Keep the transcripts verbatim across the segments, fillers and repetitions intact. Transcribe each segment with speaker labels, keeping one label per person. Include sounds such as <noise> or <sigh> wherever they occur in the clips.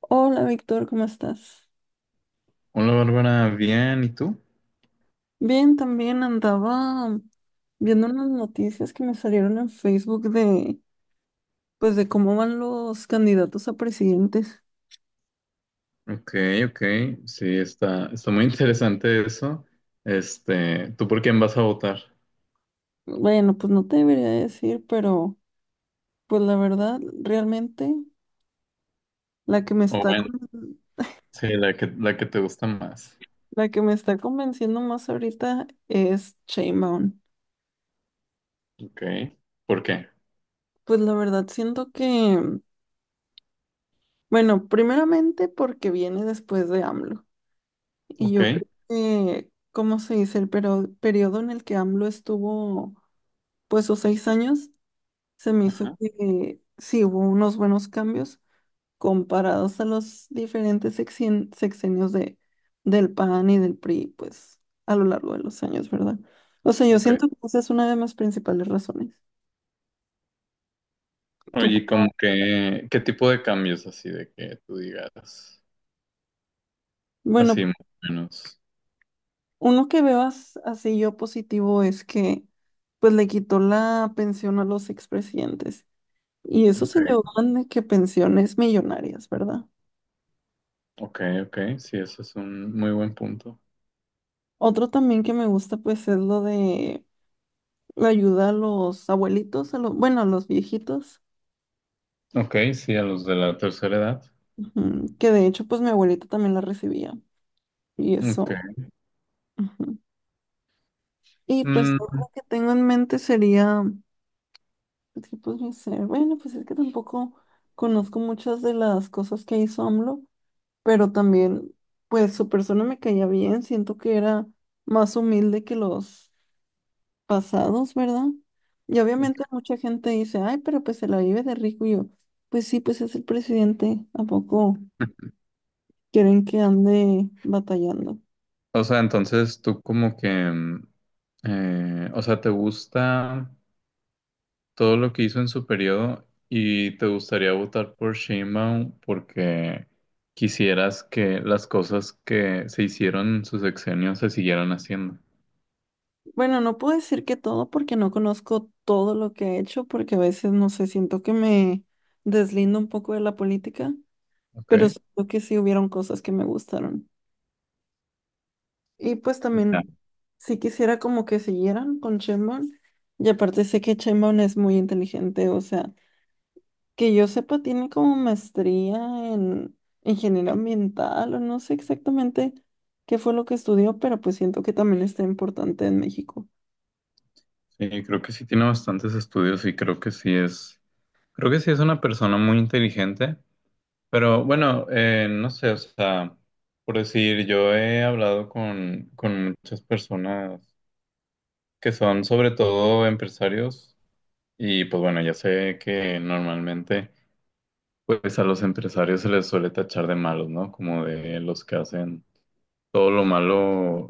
Speaker 1: Hola Víctor, ¿cómo estás?
Speaker 2: Hola Bárbara, bien, ¿y tú?
Speaker 1: Bien, también andaba viendo unas noticias que me salieron en Facebook de, pues, de cómo van los candidatos a presidentes.
Speaker 2: Ok, ok, sí, está, está muy interesante eso. Este, ¿tú por quién vas a votar?
Speaker 1: Bueno, pues no te debería decir, pero pues la verdad, realmente la que me
Speaker 2: O
Speaker 1: está,
Speaker 2: bueno,
Speaker 1: con-
Speaker 2: sí, la que, la que te gusta más.
Speaker 1: la que me está convenciendo más ahorita es Sheinbaum.
Speaker 2: Ok, ¿por qué?
Speaker 1: Pues la verdad siento que, bueno, primeramente porque viene después de AMLO. Y
Speaker 2: Ok,
Speaker 1: yo creo que, ¿cómo se dice? El pero- periodo en el que AMLO estuvo, pues, los seis años, se me hizo
Speaker 2: ajá,
Speaker 1: que sí hubo unos buenos cambios comparados a los diferentes sexien- sexenios de, del PAN y del P R I, pues, a lo largo de los años, ¿verdad? O sea, yo
Speaker 2: ok.
Speaker 1: siento que esa es una de mis principales razones. Tú,
Speaker 2: Oye, como que, ¿qué tipo de cambios así de que tú digas?
Speaker 1: bueno,
Speaker 2: Así más o menos.
Speaker 1: uno que veo as- así yo positivo es que, pues, le quitó la pensión a los expresidentes. Y eso se
Speaker 2: Ok,
Speaker 1: llevan de que pensiones millonarias, ¿verdad?
Speaker 2: ok, ok, sí, eso es un muy buen punto.
Speaker 1: Otro también que me gusta, pues, es lo de la ayuda a los abuelitos, a los, bueno, a los viejitos,
Speaker 2: Ok, sí, a los de la tercera edad.
Speaker 1: ujú, que de hecho, pues, mi abuelita también la recibía. Y
Speaker 2: Ok.
Speaker 1: eso. Ujú. Y pues,
Speaker 2: Mm,
Speaker 1: otro que tengo en mente sería, pues, ¿qué podría ser? Bueno, pues es que tampoco conozco muchas de las cosas que hizo AMLO, pero también, pues, su persona me caía bien, siento que era más humilde que los pasados, ¿verdad? Y obviamente
Speaker 2: ok.
Speaker 1: mucha gente dice, ay, pero pues se la vive de rico. Y yo, pues sí, pues es el presidente, ¿a poco
Speaker 2: <laughs>
Speaker 1: quieren que ande batallando?
Speaker 2: O sea, entonces tú como que mm, Eh, o sea, ¿te gusta todo lo que hizo en su periodo y te gustaría votar por Sheinbaum porque quisieras que las cosas que se hicieron en su sexenio se siguieran haciendo?
Speaker 1: Bueno, no puedo decir que todo porque no conozco todo lo que ha hecho, porque a veces, no sé, siento que me deslindo un poco de la política, pero
Speaker 2: Ok.
Speaker 1: siento que sí hubieron cosas que me gustaron. Y pues
Speaker 2: Ya.
Speaker 1: también, sí quisiera como que siguieran con Sheinbaum, y aparte sé que Sheinbaum es muy inteligente, o sea. Que yo sepa, tiene como maestría en ingeniería ambiental o no sé exactamente qué fue lo que estudió, pero pues siento que también está importante en México.
Speaker 2: Sí, creo que sí tiene bastantes estudios y creo que sí es, creo que sí es una persona muy inteligente, pero bueno, eh, no sé, o sea, por decir, yo he hablado con, con muchas personas que son sobre todo empresarios. Y pues bueno, ya sé que normalmente pues a los empresarios se les suele tachar de malos, ¿no? Como de los que hacen todo lo malo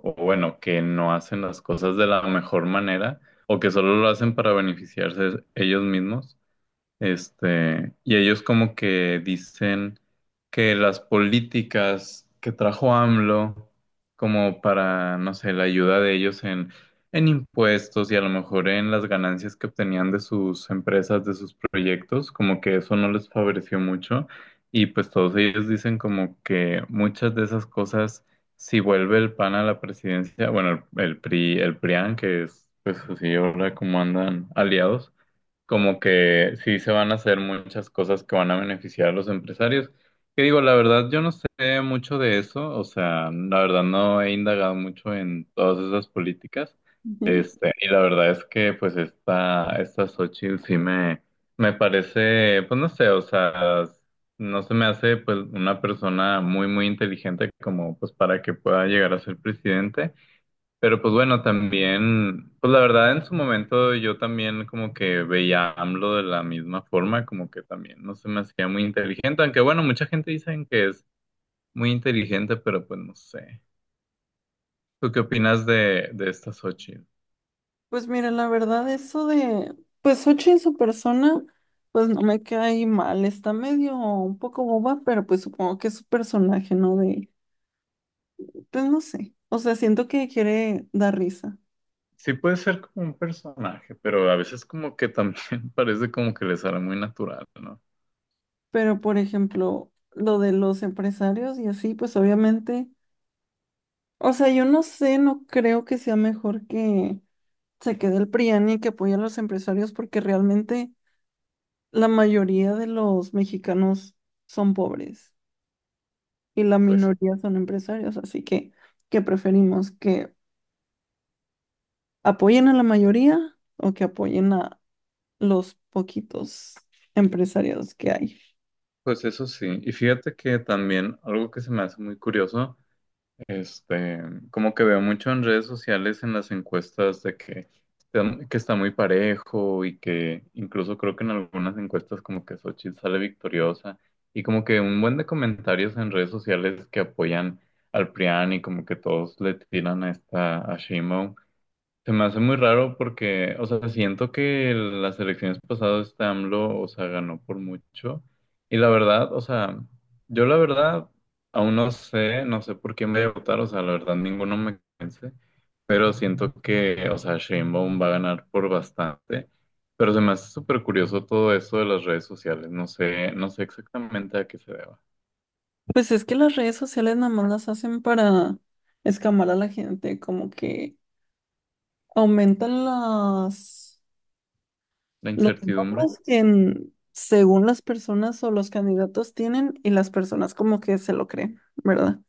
Speaker 2: o bueno, que no hacen las cosas de la mejor manera o que solo lo hacen para beneficiarse ellos mismos. Este, y ellos como que dicen que las políticas que trajo AMLO, como para, no sé, la ayuda de ellos en, en impuestos y a lo mejor en las ganancias que obtenían de sus empresas, de sus proyectos, como que eso no les favoreció mucho. Y pues todos ellos dicen como que muchas de esas cosas, si vuelve el PAN a la presidencia, bueno, el, el PRI, el PRIAN, que es, pues así ahora como andan aliados, como que sí se van a hacer muchas cosas que van a beneficiar a los empresarios. Que digo, la verdad, yo no sé mucho de eso, o sea, la verdad no he indagado mucho en todas esas políticas.
Speaker 1: Ujú.
Speaker 2: Este, y la verdad es que pues esta, esta Xochitl sí me, me parece, pues no sé, o sea, no se me hace pues una persona muy, muy inteligente como pues para que pueda llegar a ser presidente. Pero pues bueno, también, pues la verdad en su momento yo también como que veía a AMLO de la misma forma, como que también no se me hacía muy inteligente, aunque bueno, mucha gente dicen que es muy inteligente, pero pues no sé. ¿Tú qué opinas de, de esta Xochitl?
Speaker 1: Pues mira, la verdad, eso de, pues Xochitl en su persona, pues no me cae mal, está medio un poco boba, pero pues supongo que es su personaje, ¿no? De, pues no sé, o sea, siento que quiere dar risa,
Speaker 2: Sí puede ser como un personaje, pero a veces como que también <laughs> parece como que le sale muy natural, ¿no?
Speaker 1: pero por ejemplo, lo de los empresarios y así, pues obviamente... O sea, yo no sé, no creo que sea mejor que se quede el PRIAN y que apoye a los empresarios porque realmente la mayoría de los mexicanos son pobres y la
Speaker 2: Pues,
Speaker 1: minoría son empresarios, así que ¿qué preferimos? ¿Que apoyen a la mayoría o que apoyen a los poquitos empresarios que hay?
Speaker 2: pues eso sí. Y fíjate que también algo que se me hace muy curioso. Este, como que veo mucho en redes sociales en las encuestas de que, está- que está muy parejo y que incluso creo que en algunas encuestas como que Xochitl sale victoriosa y como que un buen de comentarios en redes sociales que apoyan al PRIAN y como que todos le tiran a esta a Sheinbaum. Se me hace muy raro porque, o sea, siento que las elecciones pasadas este AMLO, o sea, ganó por mucho. Y la verdad, o sea, yo la verdad aún no sé, no sé por quién voy a votar, o sea, la verdad ninguno me convence, pero siento que, o sea, Sheinbaum va a ganar por bastante. Pero se me hace súper curioso todo eso de las redes sociales, no sé, no sé exactamente a qué se deba.
Speaker 1: Pues es que las redes sociales nada más las hacen para escamar a la gente, como que aumentan las...
Speaker 2: La
Speaker 1: Los
Speaker 2: incertidumbre,
Speaker 1: votos que en- según las personas o los candidatos tienen y las personas como que se lo creen, ¿verdad?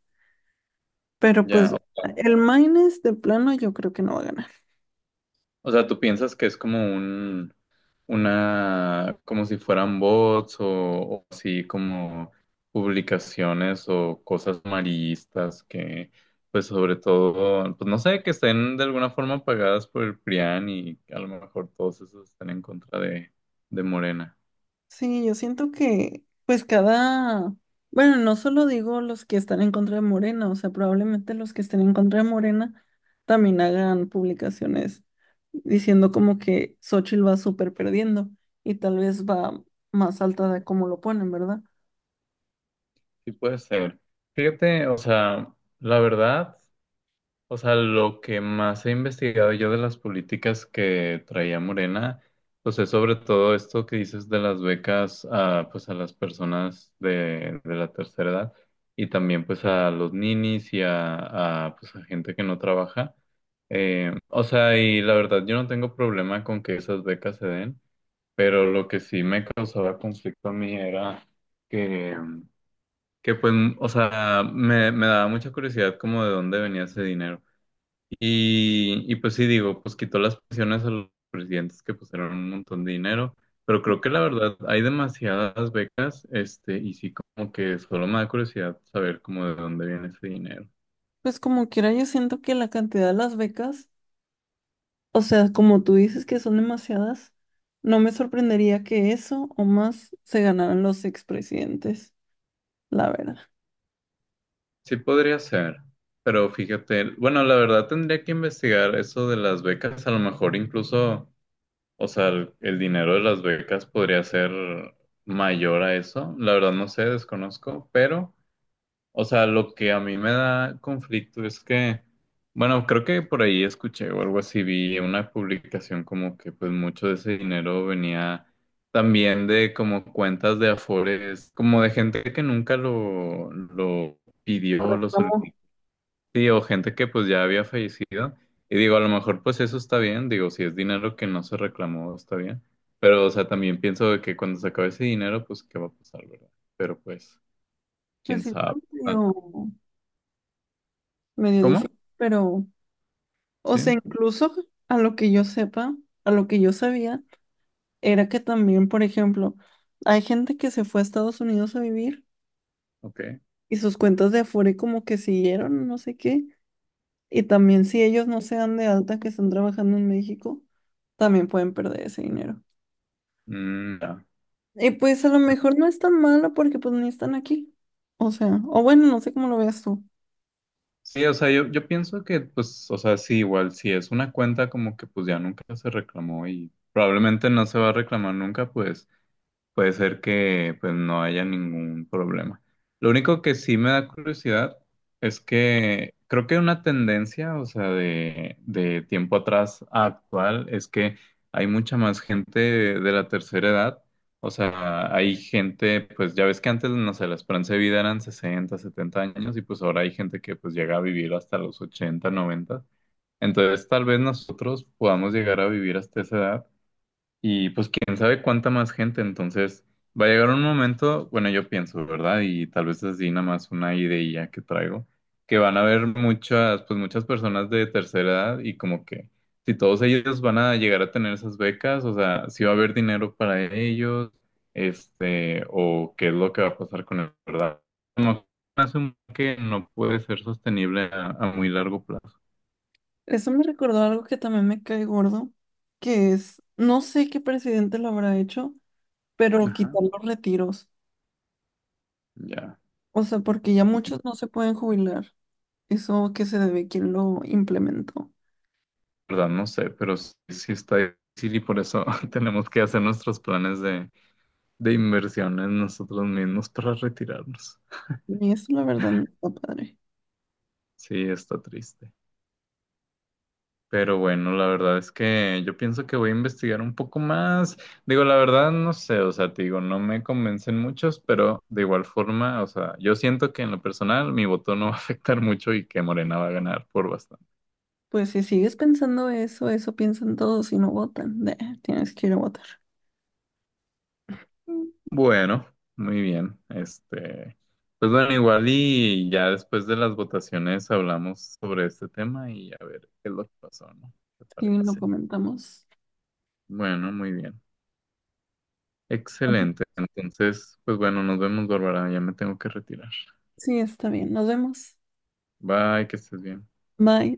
Speaker 1: Pero
Speaker 2: ya,
Speaker 1: pues
Speaker 2: o sea,
Speaker 1: el Maines de plano yo creo que no va a ganar.
Speaker 2: o sea, tú piensas que es como un una, como si fueran bots o, o así como publicaciones o cosas amarillistas que, pues sobre todo, pues no sé, que estén de alguna forma pagadas por el PRIAN y a lo mejor todos esos están en contra de, de Morena.
Speaker 1: Sí, yo siento que pues cada, bueno, no solo digo los que están en contra de Morena, o sea, probablemente los que estén en contra de Morena también hagan publicaciones diciendo como que Xochitl va súper perdiendo y tal vez va más alta de como lo ponen, ¿verdad?
Speaker 2: Sí puede ser. Fíjate, o sea, la verdad. O sea, lo que más he investigado yo de las políticas que traía Morena, pues es sobre todo esto que dices de las becas a, pues a las personas de, de la tercera edad y también pues a los ninis y a, a, pues a gente que no trabaja. Eh, o sea, y la verdad yo no tengo problema con que esas becas se den, pero lo que sí me causaba conflicto a mí era que, que pues, o sea, me, me daba mucha curiosidad como de dónde venía ese dinero. Y, y pues sí digo, pues quitó las pensiones a los presidentes que pusieron un montón de dinero, pero creo que la verdad hay demasiadas becas, este, y sí como que solo me da curiosidad saber como de dónde viene ese dinero.
Speaker 1: Pues como quiera, yo siento que la cantidad de las becas, o sea, como tú dices que son demasiadas, no me sorprendería que eso o más se ganaran los expresidentes, la verdad.
Speaker 2: Sí podría ser, pero fíjate, bueno, la verdad tendría que investigar eso de las becas, a lo mejor incluso, o sea, el, el dinero de las becas podría ser mayor a eso, la verdad no sé, desconozco, pero... O sea, lo que a mí me da conflicto es que, bueno, creo que por ahí escuché o algo así, vi una publicación como que pues mucho de ese dinero venía también de como cuentas de Afores, como de gente que nunca lo, lo pidió,
Speaker 1: Correcto.
Speaker 2: lo
Speaker 1: Como...
Speaker 2: solicitó, sí, o gente que pues ya había fallecido. Y digo, a lo mejor pues eso está bien, digo, si es dinero que no se reclamó, está bien. Pero, o sea, también pienso de que cuando se acabe ese dinero, pues, ¿qué va a pasar, verdad? Pero pues,
Speaker 1: Pues
Speaker 2: quién
Speaker 1: sí, está
Speaker 2: sabe. Ah,
Speaker 1: medio, medio
Speaker 2: ¿Cómo?
Speaker 1: difícil, pero, o
Speaker 2: Sí,
Speaker 1: sea, incluso a lo que yo sepa, a lo que yo sabía, era que también, por ejemplo, hay gente que se fue a Estados Unidos a vivir
Speaker 2: ok.
Speaker 1: y sus cuentas de Afore como que siguieron, no sé qué. Y también si ellos no se dan de alta que están trabajando en México, también pueden perder ese dinero.
Speaker 2: Mm, ya.
Speaker 1: Y pues a lo mejor no es tan malo porque pues ni están aquí. O sea, o bueno, no sé cómo lo veas tú.
Speaker 2: Sí, o sea, yo, yo pienso que, pues, o sea, sí, igual, si es una cuenta como que pues ya nunca se reclamó y probablemente no se va a reclamar nunca, pues puede ser que pues no haya ningún problema. Lo único que sí me da curiosidad es que creo que una tendencia, o sea, de, de tiempo atrás a actual, es que hay mucha más gente de, de la tercera edad. O sea, hay gente, pues ya ves que antes, no sé, la esperanza de vida eran sesenta, setenta años y pues ahora hay gente que pues llega a vivir hasta los ochenta, noventa. Entonces, tal vez nosotros podamos llegar a vivir hasta esa edad y pues quién sabe cuánta más gente, entonces va a llegar un momento, bueno, yo pienso, ¿verdad? Y tal vez así nada más una idea que traigo, que van a haber muchas, pues muchas personas de tercera edad y como que si todos ellos van a llegar a tener esas becas, o sea, si va a haber dinero para ellos, este, o qué es lo que va a pasar con el, ¿verdad? Como que asumo que no puede ser sostenible a, a muy largo plazo.
Speaker 1: Eso me recordó algo que también me cae gordo, que es, no sé qué presidente lo habrá hecho, pero
Speaker 2: Ajá,
Speaker 1: quitar los retiros.
Speaker 2: ya.
Speaker 1: O sea, porque ya muchos no se pueden jubilar. Eso que se debe quién lo implementó.
Speaker 2: Verdad no sé, pero sí, sí está difícil y por eso <laughs> tenemos que hacer nuestros planes de, de inversión en nosotros mismos para retirarnos.
Speaker 1: Y eso la verdad no está padre.
Speaker 2: Sí, está triste. Pero bueno, la verdad es que yo pienso que voy a investigar un poco más. Digo, la verdad no sé, o sea, te digo, no me convencen muchos, pero de igual forma, o sea, yo siento que en lo personal mi voto no <laughs> va a afectar mucho y que Morena va a ganar por bastante.
Speaker 1: Pues si sigues pensando eso, eso piensan todos y no votan. Nah, tienes que ir a votar.
Speaker 2: Bueno, muy bien. Este, pues bueno, igual y ya después de las votaciones hablamos sobre este tema y a ver qué es lo que pasó, ¿no? ¿Te
Speaker 1: Sí, lo
Speaker 2: parece?
Speaker 1: comentamos.
Speaker 2: Bueno, muy bien.
Speaker 1: Ujú.
Speaker 2: Excelente. Entonces, pues bueno, nos vemos, Bárbara. Ya me tengo que retirar.
Speaker 1: Sí, está bien. Nos vemos.
Speaker 2: Bye, que estés bien.
Speaker 1: Bye.